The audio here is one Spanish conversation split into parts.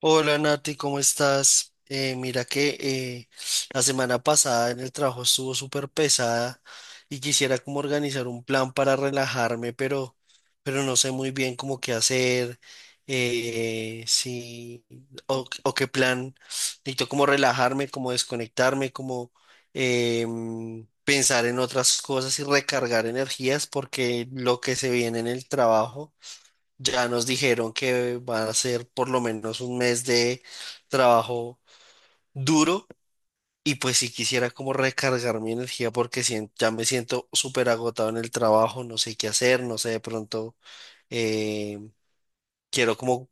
Hola Nati, ¿cómo estás? Mira que la semana pasada en el trabajo estuvo súper pesada y quisiera como organizar un plan para relajarme, pero no sé muy bien cómo qué hacer, si, o qué plan. Necesito como relajarme, como desconectarme, como pensar en otras cosas y recargar energías porque lo que se viene en el trabajo. Ya nos dijeron que va a ser por lo menos un mes de trabajo duro y pues si quisiera como recargar mi energía porque ya me siento súper agotado en el trabajo, no sé qué hacer, no sé, de pronto eh, quiero como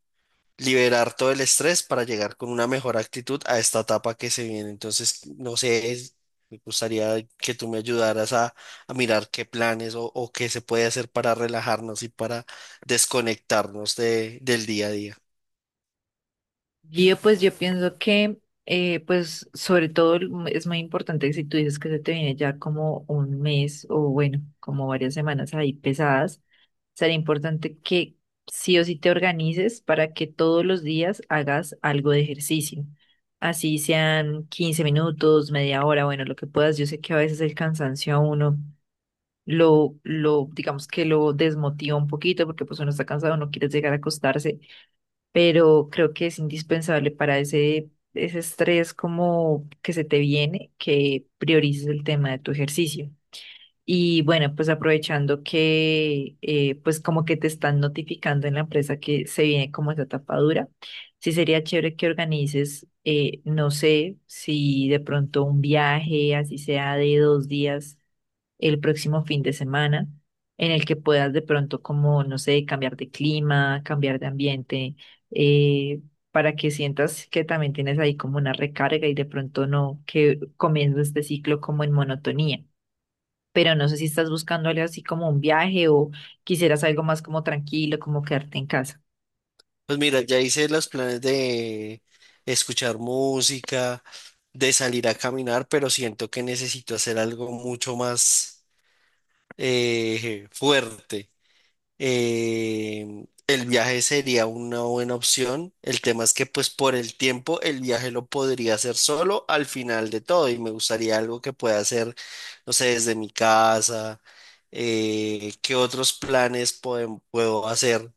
liberar todo el estrés para llegar con una mejor actitud a esta etapa que se viene. Entonces, no sé, me gustaría que tú me ayudaras a mirar qué planes o qué se puede hacer para relajarnos y para desconectarnos del día a día. Yo pienso que pues sobre todo es muy importante que si tú dices que se te viene ya como un mes o bueno, como varias semanas ahí pesadas, sería importante que sí o sí te organices para que todos los días hagas algo de ejercicio. Así sean 15 minutos, media hora, bueno, lo que puedas. Yo sé que a veces el cansancio a uno digamos que lo desmotiva un poquito porque pues uno está cansado, no quiere llegar a acostarse, pero creo que es indispensable para ese estrés como que se te viene, que priorices el tema de tu ejercicio. Y bueno, pues aprovechando que pues como que te están notificando en la empresa que se viene como esa tapadura, sí sería chévere que organices, no sé, si de pronto un viaje, así sea de dos días el próximo fin de semana, en el que puedas de pronto como, no sé, cambiar de clima, cambiar de ambiente, eh, para que sientas que también tienes ahí como una recarga y de pronto no, que comienza este ciclo como en monotonía. Pero no sé si estás buscando algo así como un viaje o quisieras algo más como tranquilo, como quedarte en casa. Pues mira, ya hice los planes de escuchar música, de salir a caminar, pero siento que necesito hacer algo mucho más fuerte. El viaje sería una buena opción. El tema es que pues por el tiempo el viaje lo podría hacer solo al final de todo y me gustaría algo que pueda hacer, no sé, desde mi casa. ¿Qué otros planes puedo hacer?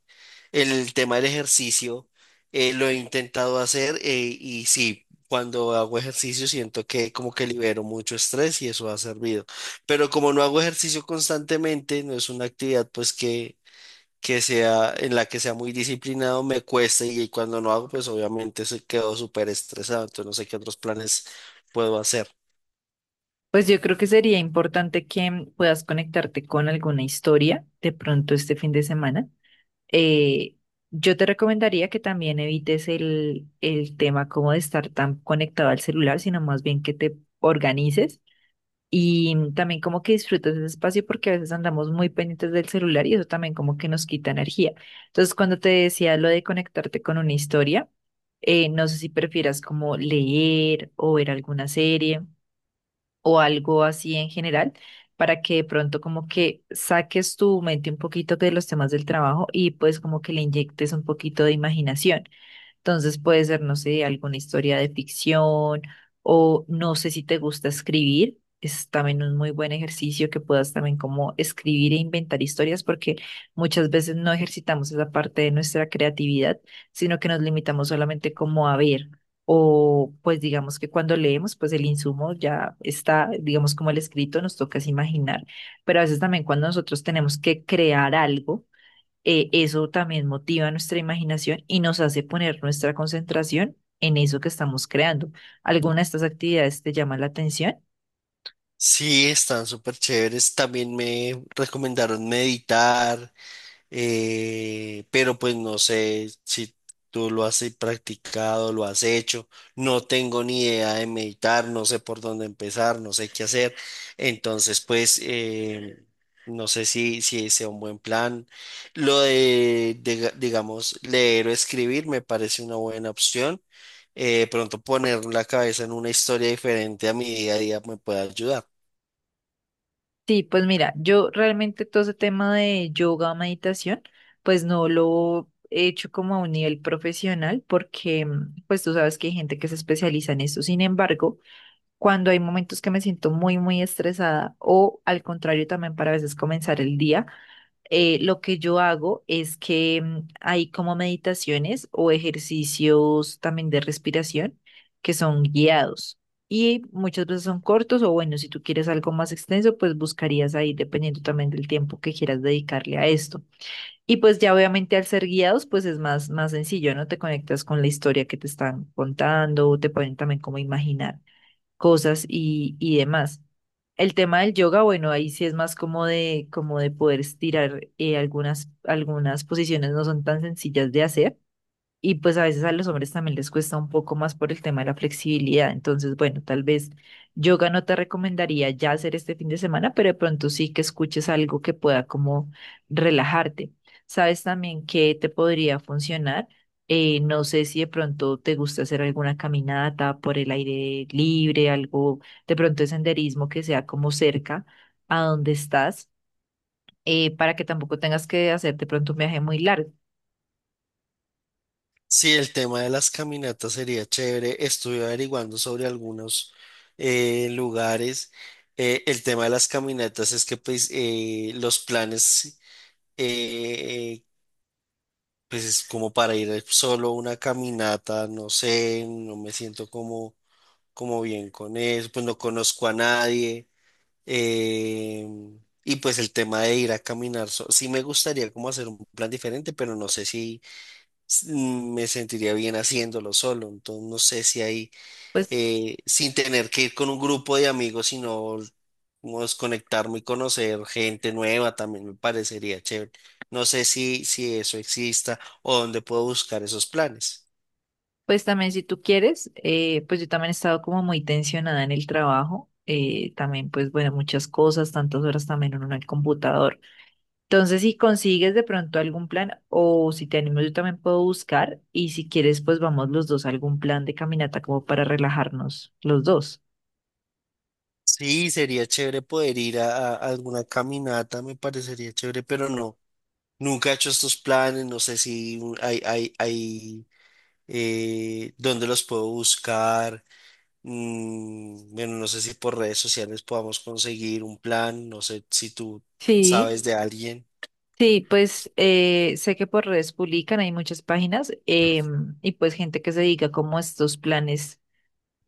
El tema del ejercicio lo he intentado hacer y sí, cuando hago ejercicio siento que como que libero mucho estrés y eso ha servido. Pero como no hago ejercicio constantemente, no es una actividad pues que sea en la que sea muy disciplinado, me cuesta y cuando no hago pues obviamente se quedo súper estresado, entonces no sé qué otros planes puedo hacer. Pues yo creo que sería importante que puedas conectarte con alguna historia de pronto este fin de semana. eh, yo te recomendaría que también evites el tema como de estar tan conectado al celular, sino más bien que te organices y también como que disfrutes ese espacio, porque a veces andamos muy pendientes del celular y eso también como que nos quita energía. Entonces, cuando te decía lo de conectarte con una historia, no sé si prefieras como leer o ver alguna serie o algo así en general, para que de pronto como que saques tu mente un poquito de los temas del trabajo y pues como que le inyectes un poquito de imaginación. Entonces puede ser, no sé, alguna historia de ficción, o no sé si te gusta escribir. Es también un muy buen ejercicio que puedas también como escribir e inventar historias, porque muchas veces no ejercitamos esa parte de nuestra creatividad, sino que nos limitamos solamente como a ver, o pues digamos que cuando leemos pues el insumo ya está, digamos como el escrito, nos toca es imaginar, pero a veces también cuando nosotros tenemos que crear algo, eso también motiva nuestra imaginación y nos hace poner nuestra concentración en eso que estamos creando. ¿Alguna de estas actividades te llama la atención? Sí, están súper chéveres. También me recomendaron meditar. Pero pues no sé si tú lo has practicado, lo has hecho, no tengo ni idea de meditar, no sé por dónde empezar, no sé qué hacer, entonces pues no sé si sea un buen plan. Lo de, digamos, leer o escribir me parece una buena opción. Pronto poner la cabeza en una historia diferente a mi día a día me puede ayudar. Sí, pues mira, yo realmente todo ese tema de yoga, meditación, pues no lo he hecho como a un nivel profesional porque pues tú sabes que hay gente que se especializa en eso. Sin embargo, cuando hay momentos que me siento muy, muy estresada o al contrario también para a veces comenzar el día, lo que yo hago es que hay como meditaciones o ejercicios también de respiración que son guiados y muchas veces son cortos, o bueno, si tú quieres algo más extenso, pues buscarías ahí dependiendo también del tiempo que quieras dedicarle a esto. Y pues ya obviamente al ser guiados, pues es más, más sencillo, ¿no? Te conectas con la historia que te están contando, te pueden también como imaginar cosas y demás. El tema del yoga, bueno, ahí sí es más como como de poder estirar, algunas posiciones no son tan sencillas de hacer, y pues a veces a los hombres también les cuesta un poco más por el tema de la flexibilidad. Entonces, bueno, tal vez yoga no te recomendaría ya hacer este fin de semana, pero de pronto sí que escuches algo que pueda como relajarte. ¿Sabes también qué te podría funcionar? No sé si de pronto te gusta hacer alguna caminata por el aire libre, algo de pronto de senderismo que sea como cerca a donde estás, para que tampoco tengas que hacer de pronto un viaje muy largo. Sí, el tema de las caminatas sería chévere. Estuve averiguando sobre algunos lugares. El tema de las caminatas es que pues, los planes, eh, pues es como para ir solo a una caminata, no sé, no me siento como, como bien con eso, pues no conozco a nadie. Eh, y pues el tema de ir a caminar, sí me gustaría como hacer un plan diferente, pero no sé si mm, me sentiría bien haciéndolo solo. Entonces, no sé si ahí pues sin tener que ir con un grupo de amigos, sino como desconectarme y conocer gente nueva también me parecería chévere. No sé si, si eso exista o dónde puedo buscar esos planes. Pues también si tú quieres, pues yo también he estado como muy tensionada en el trabajo, también pues bueno, muchas cosas, tantas horas también uno en el computador. Entonces, si consigues de pronto algún plan o si te animo, yo también puedo buscar, y si quieres pues vamos los dos a algún plan de caminata como para relajarnos los dos. Sí, sería chévere poder ir a alguna caminata, me parecería chévere, pero no, nunca he hecho estos planes, no sé si hay, dónde los puedo buscar. Mm, bueno, no sé si por redes sociales podamos conseguir un plan, no sé si tú Sí, sabes de alguien. sí, pues sé que por redes publican, hay muchas páginas, y pues gente que se dedica como a estos planes.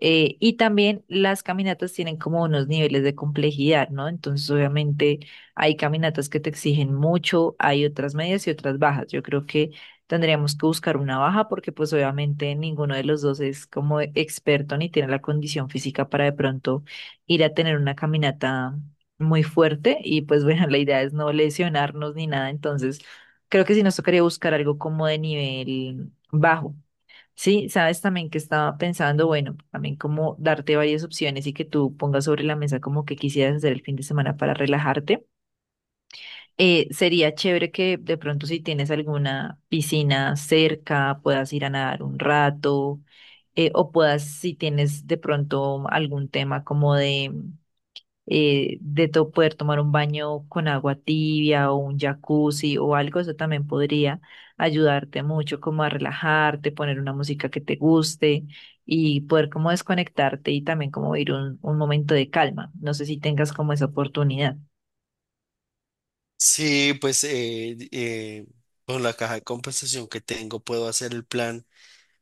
Y también las caminatas tienen como unos niveles de complejidad, ¿no? Entonces, obviamente, hay caminatas que te exigen mucho, hay otras medias y otras bajas. Yo creo que tendríamos que buscar una baja porque, pues, obviamente, ninguno de los dos es como experto ni tiene la condición física para de pronto ir a tener una caminata muy fuerte. Y, pues, bueno, la idea es no lesionarnos ni nada. Entonces, creo que sí nos tocaría buscar algo como de nivel bajo. Sí, sabes también que estaba pensando, bueno, también como darte varias opciones y que tú pongas sobre la mesa como que quisieras hacer el fin de semana para relajarte. Sería chévere que de pronto si tienes alguna piscina cerca, puedas ir a nadar un rato, o puedas, si tienes de pronto algún tema como poder tomar un baño con agua tibia o un jacuzzi o algo, eso también podría ayudarte mucho como a relajarte, poner una música que te guste y poder como desconectarte y también como ir un momento de calma. No sé si tengas como esa oportunidad. Sí, pues con la caja de compensación que tengo puedo hacer el plan,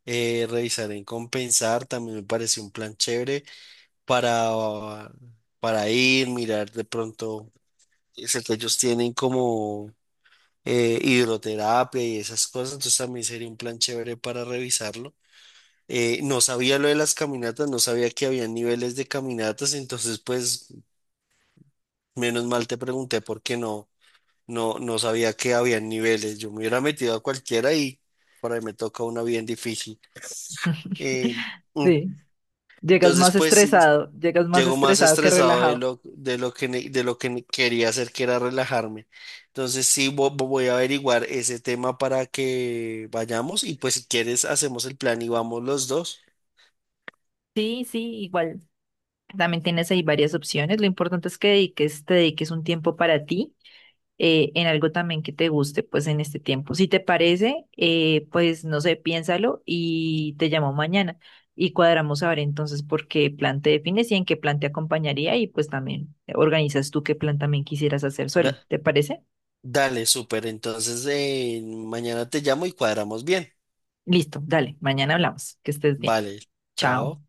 revisar en compensar, también me parece un plan chévere para, ah, para ir, mirar de pronto, sé que ellos tienen como hidroterapia y esas cosas, entonces también sería un plan chévere para revisarlo. No sabía lo de las caminatas, no sabía que había niveles de caminatas, entonces pues menos mal te pregunté porque no sabía que había niveles. Yo me hubiera metido a cualquiera y por ahí me toca una bien difícil. Eh, mm, Sí, entonces pues sí, llegas más llego más estresado que estresado relajado. De lo que, ne- de lo que ne- quería hacer, que era relajarme. Entonces sí, voy a averiguar ese tema para que vayamos y pues si quieres hacemos el plan y vamos los dos. Sí, sí, igual. También tienes ahí varias opciones. Lo importante es que te dediques un tiempo para ti, en algo también que te guste, pues en este tiempo. Si te parece, pues no sé, piénsalo y te llamo mañana y cuadramos a ver entonces por qué plan te defines y en qué plan te acompañaría, y pues también organizas tú qué plan también quisieras hacer solo. ¿Te parece? Dale, súper. Entonces, mañana te llamo y cuadramos bien. Listo, dale, mañana hablamos. Que estés bien. Vale, Chao. chao.